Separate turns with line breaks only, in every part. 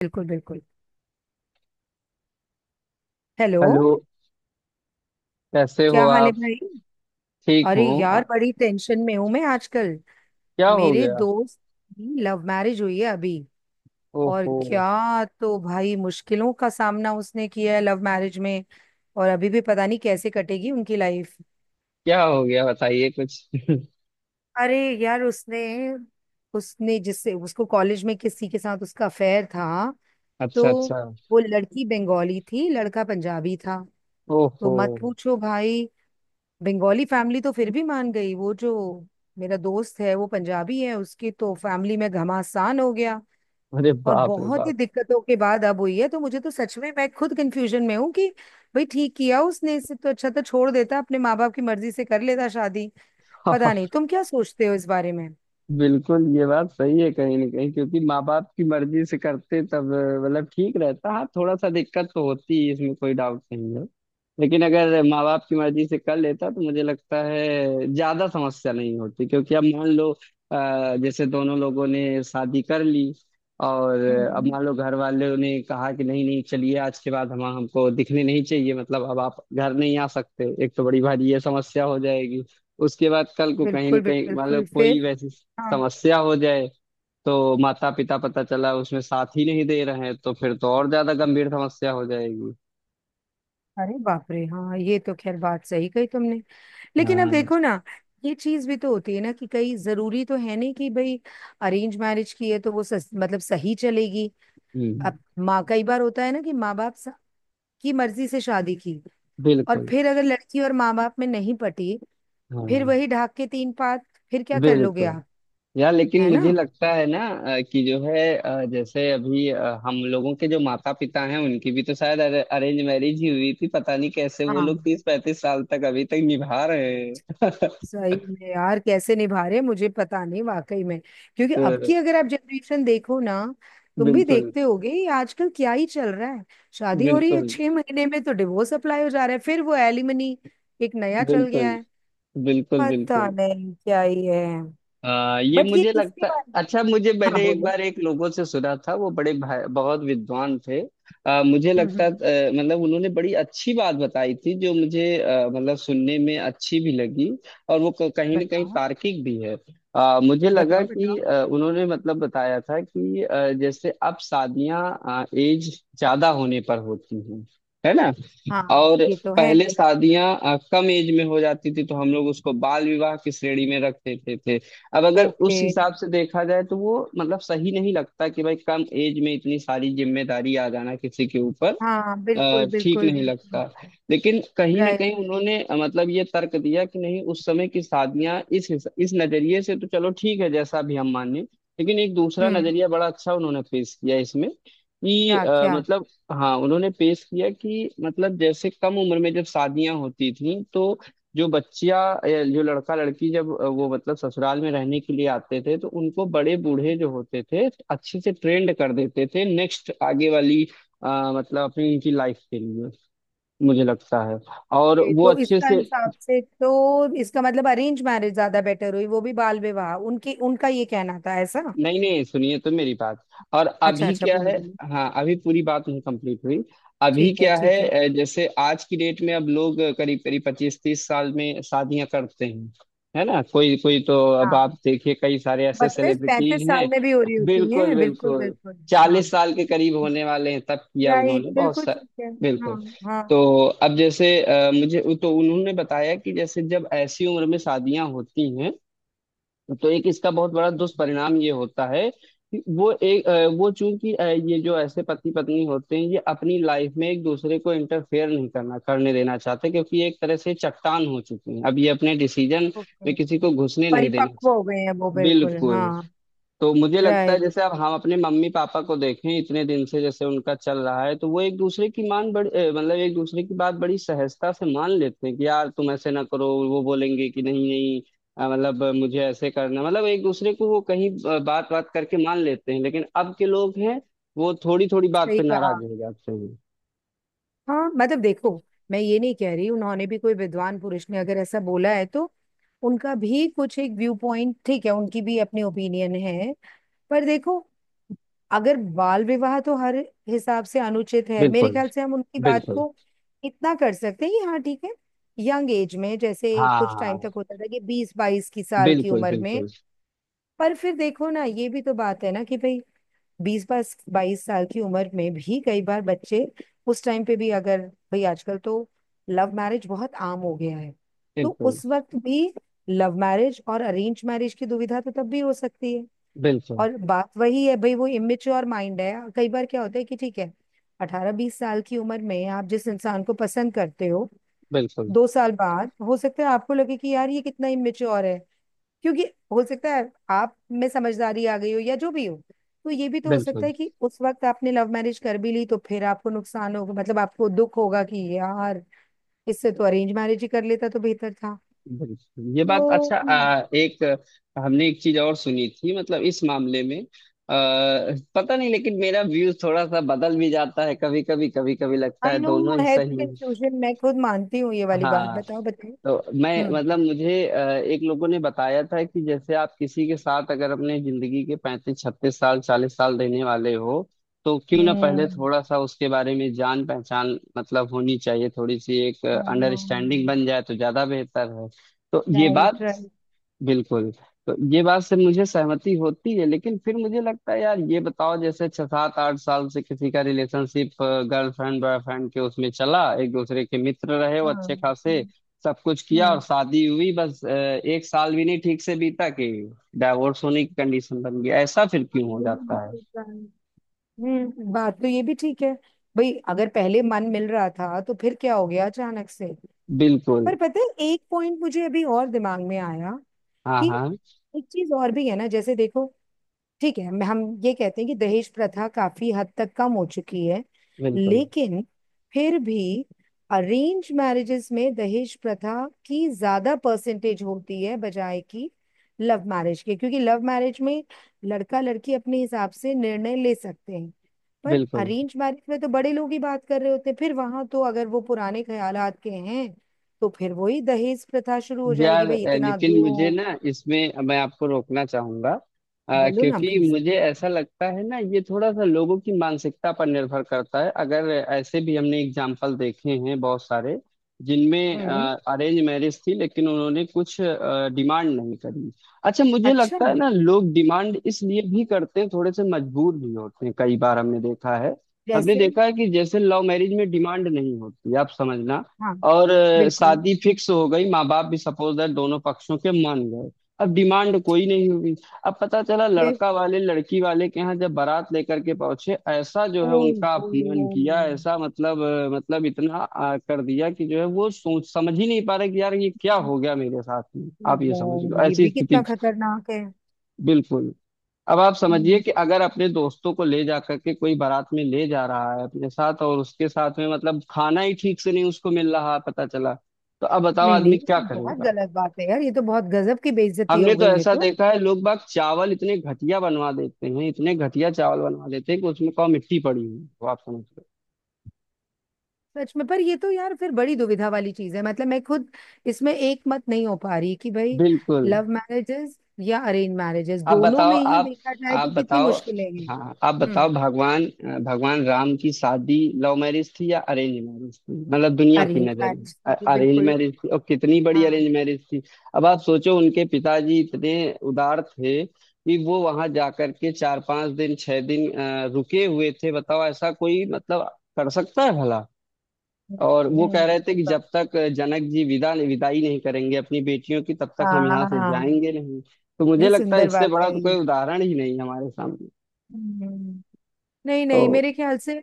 बिल्कुल बिल्कुल। Hello.
Hello, कैसे हो
क्या हाल है
आप।
भाई?
ठीक
अरे
हूँ। आ-
यार बड़ी टेंशन में हूं मैं आजकल।
क्या हो
मेरे
गया।
दोस्त की लव मैरिज हुई है अभी। और
ओहो,
क्या तो भाई, मुश्किलों का सामना उसने किया है लव मैरिज में। और अभी भी पता नहीं कैसे कटेगी उनकी लाइफ।
क्या हो गया बताइए कुछ।
अरे यार, उसने उसने जिससे, उसको कॉलेज में किसी के साथ उसका अफेयर था। तो
अच्छा, अच्छा।
वो लड़की बंगाली थी, लड़का पंजाबी था। तो
ओहो।
मत पूछो भाई। बंगाली फैमिली तो फिर भी मान गई, वो जो मेरा दोस्त है वो पंजाबी है, उसकी तो फैमिली में घमासान हो गया।
अरे
और
बाप रे
बहुत ही
बाप।
दिक्कतों के बाद अब हुई है, तो मुझे तो सच में, मैं खुद कंफ्यूजन में हूँ कि भाई ठीक किया उसने? इससे तो अच्छा तो छोड़ देता, अपने माँ बाप की मर्जी से कर लेता शादी। पता नहीं तुम क्या सोचते हो इस बारे में।
बिल्कुल, ये बात सही है कहीं ना कहीं क्योंकि माँ बाप की मर्जी से करते तब मतलब ठीक रहता हाँ थोड़ा सा दिक्कत तो होती है इसमें कोई डाउट नहीं है। लेकिन अगर माँ बाप की मर्जी से कर लेता तो मुझे लगता है ज्यादा समस्या नहीं होती क्योंकि अब मान लो जैसे दोनों लोगों ने शादी कर ली और अब
हम्म।
मान लो घर वालों ने कहा कि नहीं नहीं चलिए आज के बाद हम हमको दिखने नहीं चाहिए मतलब अब आप घर नहीं आ सकते एक तो बड़ी भारी ये समस्या हो जाएगी। उसके बाद कल को कहीं ना
बिल्कुल
कहीं मतलब
बिल्कुल,
कोई
फिर
वैसी
हाँ।
समस्या हो जाए तो माता पिता पता चला उसमें साथ ही नहीं दे रहे हैं तो फिर तो और ज्यादा गंभीर समस्या हो जाएगी।
अरे बाप रे, हाँ ये तो खैर बात सही कही तुमने। लेकिन अब
हाँ
देखो ना, ये चीज भी तो होती है ना कि कई, जरूरी तो है नहीं कि भाई अरेंज मैरिज की है तो वो मतलब सही चलेगी। अब
हम्म,
माँ, कई बार होता है ना कि की मर्जी से शादी की, और
बिल्कुल
फिर अगर लड़की और माँ बाप में नहीं पटी, फिर
हाँ
वही ढाक के तीन पात, फिर क्या कर लोगे
बिल्कुल।
आप?
यार लेकिन
है
मुझे
ना?
लगता है ना कि जो है जैसे अभी हम लोगों के जो माता पिता हैं उनकी भी तो शायद अरेंज मैरिज ही हुई थी पता नहीं कैसे वो लोग
हाँ,
30-35 साल तक अभी तक निभा रहे हैं।
सही में यार, कैसे निभा रहे हैं, मुझे पता नहीं वाकई में। क्योंकि
तो
अब की, अगर आप जनरेशन देखो ना, तुम भी
बिल्कुल,
देखते होगे ये आजकल क्या ही चल रहा है। शादी हो रही है,
बिल्कुल
6 महीने में तो डिवोर्स अप्लाई हो जा रहा है, फिर वो एलिमनी, एक नया चल
बिल्कुल
गया है।
बिल्कुल
पता
बिल्कुल।
नहीं क्या ही है।
ये
बट ये
मुझे
इसके
लगता
बारे,
अच्छा मुझे
हाँ
मैंने एक
बोलो।
बार एक लोगों से सुना था वो बड़े भाई बहुत विद्वान थे। मुझे लगता
हम्म।
मतलब उन्होंने बड़ी अच्छी बात बताई थी जो मुझे मतलब सुनने में अच्छी भी लगी और वो कहीं ना कहीं
बताओ
तार्किक भी है। मुझे लगा
बताओ
कि
बताओ।
उन्होंने मतलब बताया था कि जैसे अब शादियां एज ज्यादा होने पर होती हैं है ना।
हाँ,
और
ये तो है।
पहले शादियां कम एज में हो जाती थी तो हम लोग उसको बाल विवाह की श्रेणी में रख देते थे। अब अगर
ओके।
उस हिसाब से देखा जाए तो वो मतलब सही नहीं लगता कि भाई कम एज में इतनी सारी जिम्मेदारी आ जाना किसी के ऊपर।
हाँ बिल्कुल
ठीक
बिल्कुल
नहीं
बिल्कुल।
लगता। लेकिन कहीं ना
राय।
कहीं उन्होंने मतलब ये तर्क दिया कि नहीं उस समय की शादियां इस इस नजरिए से तो चलो ठीक है जैसा भी हम माने। लेकिन एक दूसरा
हम्म।
नजरिया बड़ा अच्छा उन्होंने पेश किया इसमें कि
क्या क्या।
मतलब हाँ उन्होंने पेश किया कि मतलब जैसे कम उम्र में जब शादियां होती थी तो जो बच्चिया या जो लड़का लड़की जब वो मतलब ससुराल में रहने के लिए आते थे तो उनको बड़े बूढ़े जो होते थे अच्छे से ट्रेंड कर देते थे नेक्स्ट आगे वाली मतलब अपनी इनकी लाइफ के लिए मुझे लगता है और
ये
वो
तो,
अच्छे
इसका
से।
हिसाब से तो इसका मतलब अरेंज मैरिज ज्यादा बेटर हुई, वो भी बाल विवाह, उनकी उनका ये कहना था ऐसा?
नहीं नहीं सुनिए तो मेरी बात और
अच्छा
अभी
अच्छा,
क्या
बोलो
है।
बोलो।
हाँ अभी पूरी बात नहीं कंप्लीट हुई। अभी
ठीक है
क्या है
ठीक है।
जैसे आज की डेट में अब लोग करीब करीब 25-30 साल में शादियां करते हैं है ना। कोई कोई तो अब
हाँ।
आप देखिए कई सारे ऐसे
बत्तीस
सेलिब्रिटीज
पैंतीस साल
हैं
में भी हो रही होती
बिल्कुल
है, बिल्कुल
बिल्कुल
बिल्कुल। हाँ।
40 साल के करीब होने वाले हैं तब किया
राइट,
उन्होंने बहुत
बिल्कुल
सारे।
ठीक है,
बिल्कुल।
हाँ। हाँ।
तो अब जैसे मुझे तो उन्होंने बताया कि जैसे जब ऐसी उम्र में शादियां होती हैं तो एक इसका बहुत बड़ा
हाँ।
दुष्परिणाम ये होता है कि वो एक वो चूंकि ये जो ऐसे पति पत्नी होते हैं ये अपनी लाइफ में एक दूसरे को इंटरफेयर नहीं करना करने देना चाहते क्योंकि ये एक तरह से चट्टान हो चुकी हैं अब ये अपने डिसीजन में
ओके।
किसी को घुसने नहीं देना
परिपक्व हो
चाहिए।
गए हैं वो, बिल्कुल
बिल्कुल।
हाँ।
तो मुझे लगता है
राइट।
जैसे अब हम अपने मम्मी पापा को देखें इतने दिन से जैसे उनका चल रहा है तो वो एक दूसरे की मान बड़ी मतलब एक दूसरे की बात बड़ी सहजता से मान लेते हैं कि यार तुम ऐसे ना करो वो बोलेंगे कि नहीं नहीं मतलब मुझे ऐसे करना मतलब एक दूसरे को वो कहीं बात बात करके मान लेते हैं। लेकिन अब के लोग हैं वो थोड़ी थोड़ी बात
सही
पे
कहा।
नाराज हो जाते हैं।
हाँ मतलब देखो, मैं ये नहीं कह रही, उन्होंने भी, कोई विद्वान पुरुष ने अगर ऐसा बोला है तो उनका भी कुछ एक व्यू पॉइंट, ठीक है, उनकी भी अपनी ओपिनियन है। पर देखो, अगर बाल विवाह तो हर हिसाब से अनुचित है मेरे
बिल्कुल
ख्याल से। हम उनकी बात
बिल्कुल,
को इतना कर सकते हैं कि हाँ ठीक है, यंग एज में, जैसे
हाँ
कुछ
हाँ,
टाइम
हाँ,
तक होता था कि 20 22 की साल की
बिल्कुल
उम्र में।
बिल्कुल
पर फिर देखो ना, ये भी तो बात है ना कि भाई बीस बाईस बाईस साल की उम्र में भी कई बार बच्चे, उस टाइम पे भी, अगर भाई आजकल तो लव मैरिज बहुत आम हो गया है, तो
बिल्कुल
उस वक्त भी लव मैरिज और अरेंज मैरिज की दुविधा तो तब भी हो सकती है।
बिल्कुल
और बात वही है भाई, वो इमेच्योर माइंड है। कई बार क्या होता है कि ठीक है, 18 20 साल की उम्र में आप जिस इंसान को पसंद करते हो,
बिल्कुल
2 साल बाद हो सकता है आपको लगे कि यार ये कितना इमेच्योर है। क्योंकि हो सकता है आप में समझदारी आ गई हो, या जो भी हो। तो ये भी तो हो सकता
बिल्कुल
है कि उस वक्त आपने लव मैरिज कर भी ली, तो फिर आपको नुकसान होगा, मतलब आपको दुख होगा कि यार इससे तो अरेंज मैरिज ही कर लेता तो बेहतर था।
बिल्कुल। ये बात अच्छा
तो
एक हमने एक चीज और सुनी थी मतलब इस मामले में पता नहीं लेकिन मेरा व्यूज थोड़ा सा बदल भी जाता है कभी कभी कभी कभी लगता है
आई नो,
दोनों ही
है तो
सही हैं।
कंफ्यूजन, मैं खुद मानती हूँ, ये वाली बात
हाँ
बताओ बताओ।
तो मैं
हम्म
मतलब मुझे एक लोगों ने बताया था कि जैसे आप किसी के साथ अगर अपने जिंदगी के 35-36 साल 40 साल रहने वाले हो तो क्यों ना पहले
हम्म।
थोड़ा सा उसके बारे में जान पहचान मतलब होनी चाहिए थोड़ी सी एक अंडरस्टैंडिंग बन जाए तो ज्यादा बेहतर है। तो ये
राइट
बात
राइट।
बिल्कुल, तो ये बात से मुझे सहमति होती है। लेकिन फिर मुझे लगता है यार ये बताओ जैसे 6-7-8 साल से किसी का रिलेशनशिप गर्लफ्रेंड बॉयफ्रेंड के उसमें चला एक दूसरे के मित्र रहे वो
हाँ,
अच्छे
right,
खासे
right,
सब कुछ किया और
हाँ।
शादी हुई बस एक साल भी नहीं ठीक से बीता कि डाइवोर्स होने की कंडीशन बन गई ऐसा फिर क्यों हो जाता है।
हम्म। हम्म, बात तो ये भी ठीक है। भाई अगर पहले मन मिल रहा था तो फिर क्या हो गया अचानक से?
बिल्कुल
पर पता है, एक पॉइंट मुझे अभी और दिमाग में आया,
हाँ
कि
हाँ
एक चीज और भी है ना, जैसे देखो, ठीक है, हम ये कहते हैं कि दहेज प्रथा काफी हद तक कम हो चुकी है,
बिल्कुल
लेकिन फिर भी अरेंज मैरिजेस में दहेज प्रथा की ज्यादा परसेंटेज होती है बजाय कि लव मैरिज के। क्योंकि लव मैरिज में लड़का लड़की अपने हिसाब से निर्णय ले सकते हैं। पर
बिल्कुल।
अरेंज मैरिज में तो बड़े लोग ही बात कर रहे होते हैं, फिर वहां तो अगर वो पुराने ख्यालात के हैं, तो फिर वही दहेज प्रथा शुरू हो जाएगी
यार
भाई, इतना
लेकिन मुझे
दो।
ना इसमें मैं आपको रोकना चाहूंगा
बोलो ना
क्योंकि
प्लीज।
मुझे ऐसा लगता है ना ये थोड़ा सा लोगों की मानसिकता पर निर्भर करता है अगर ऐसे भी हमने एग्जाम्पल देखे हैं बहुत सारे जिनमें
हम्म।
अरेंज मैरिज थी लेकिन उन्होंने कुछ डिमांड नहीं करी। अच्छा मुझे
अच्छा,
लगता है ना लोग डिमांड इसलिए भी करते हैं थोड़े से मजबूर भी होते हैं कई बार हमने देखा है। हमने
जैसे।
देखा है कि जैसे लव मैरिज में डिमांड नहीं होती आप समझना
हाँ,
और
बिल्कुल
शादी फिक्स हो गई माँ बाप भी सपोज दैट दोनों पक्षों के मान गए अब डिमांड
ठीक
कोई नहीं हुई। अब पता चला
है।
लड़का वाले लड़की वाले के यहाँ जब बारात लेकर के पहुंचे ऐसा जो है उनका
ओहो
अपमान किया ऐसा मतलब मतलब इतना कर दिया कि जो है वो सोच समझ ही नहीं पा रहे कि यार ये क्या हो गया मेरे साथ में आप ये समझ
गॉड,
लो
ये
ऐसी
भी
स्थिति।
कितना खतरनाक है।
बिल्कुल। अब आप समझिए
हम्म।
कि अगर अपने दोस्तों को ले जा करके कोई बारात में ले जा रहा है अपने साथ और उसके साथ में मतलब खाना ही ठीक से नहीं उसको मिल रहा है पता चला तो अब बताओ
नहीं नहीं,
आदमी
ये
क्या
तो बहुत
करेगा।
गलत बात है यार, ये तो बहुत गजब की बेइज्जती
हमने
हो
तो
गई है,
ऐसा
तो
देखा है लोग बाग चावल इतने घटिया बनवा देते हैं इतने घटिया चावल बनवा देते हैं कि उसमें कौ मिट्टी पड़ी हुई है, वो आप समझ रहे
सच में। पर ये तो यार फिर बड़ी दुविधा वाली चीज है, मतलब मैं खुद इसमें एक मत नहीं हो पा रही, कि
हो।
भाई
बिल्कुल।
लव मैरिजेस या अरेंज मैरिजेस,
आप
दोनों
बताओ,
में ही
आप
देखा जाए
आप
तो कितनी
बताओ,
मुश्किलें हैं।
हाँ आप बताओ।
हम्म।
भगवान, भगवान राम की शादी लव मैरिज थी या अरेंज मैरिज थी मतलब दुनिया की
अरेंज
नजर
मैरिज।
में अरेंज
बिल्कुल।
मैरिज थी और कितनी बड़ी
हाँ।
अरेंज मैरिज थी। अब आप सोचो उनके पिताजी इतने उदार थे कि वो वहां जाकर के 4-5 दिन 6 दिन रुके हुए थे बताओ ऐसा कोई मतलब कर सकता है भला।
हम्म,
और वो कह
हम्म,
रहे थे कि जब तक जनक जी विदा विदाई नहीं करेंगे अपनी बेटियों की तब तक हम यहाँ से
हाँ।
जाएंगे नहीं। तो मुझे
कितनी
लगता है
सुंदर
इससे
बात
बड़ा
है
तो कोई
ये।
उदाहरण ही नहीं है हमारे सामने।
हम्म। नहीं
तो
नहीं, मेरे ख्याल से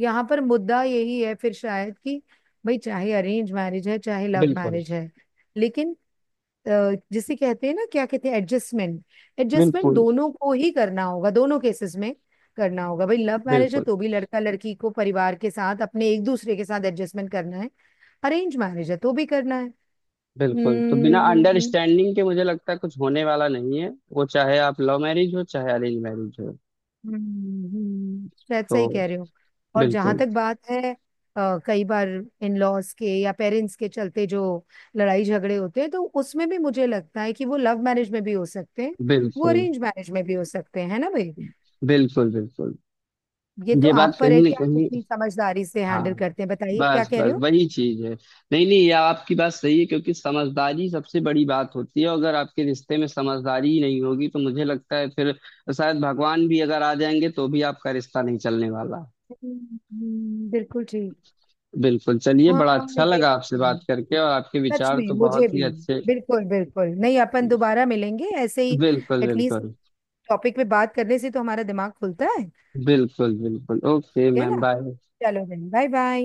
यहाँ पर मुद्दा यही है फिर शायद, कि भाई चाहे अरेंज मैरिज है चाहे लव
बिल्कुल
मैरिज है, लेकिन अ, जिसे कहते हैं ना, क्या कहते हैं, एडजस्टमेंट। एडजस्टमेंट
बिल्कुल
दोनों को ही करना होगा, दोनों केसेस में करना होगा भाई। लव मैरिज है
बिल्कुल
तो भी लड़का लड़की को परिवार के साथ, अपने एक दूसरे के साथ एडजस्टमेंट करना है, अरेंज मैरिज है तो भी करना है।
बिल्कुल। तो बिना
हम्म
अंडरस्टैंडिंग के मुझे लगता है कुछ होने वाला नहीं है वो चाहे आप लव मैरिज हो चाहे अरेंज मैरिज हो।
शायद
तो
सही कह रहे हो। और जहां
बिल्कुल
तक बात है, कई बार इन लॉज के या पेरेंट्स के चलते जो लड़ाई झगड़े होते हैं, तो उसमें भी मुझे लगता है कि वो लव मैरिज में भी हो सकते हैं, वो
बिल्कुल
अरेंज मैरिज में भी हो सकते हैं, है ना भाई?
बिल्कुल बिल्कुल
ये तो
ये बात
आप पर है
कहीं ना
कि आप
कहीं,
कितनी समझदारी से
हाँ
हैंडल करते हैं, बताइए क्या
बस
कह रहे
बस
हो।
वही चीज है। नहीं नहीं यह आपकी बात सही है क्योंकि समझदारी सबसे बड़ी बात होती है अगर आपके रिश्ते में समझदारी ही नहीं होगी तो मुझे लगता है फिर शायद भगवान भी अगर आ जाएंगे तो भी आपका रिश्ता नहीं चलने वाला।
हम्म, बिल्कुल ठीक।
बिल्कुल चलिए
हाँ
बड़ा अच्छा
ये
लगा आपसे
तो है।
बात करके और आपके
सच
विचार
में
तो
मुझे
बहुत ही
भी,
अच्छे
बिल्कुल बिल्कुल। नहीं, अपन दोबारा मिलेंगे ऐसे ही,
बिल्कुल
एटलीस्ट
बिल्कुल
टॉपिक पे बात करने से तो हमारा दिमाग खुलता है
बिल्कुल बिल्कुल। ओके
है ना।
Ma'am bye.
चलो बहन, बाय बाय।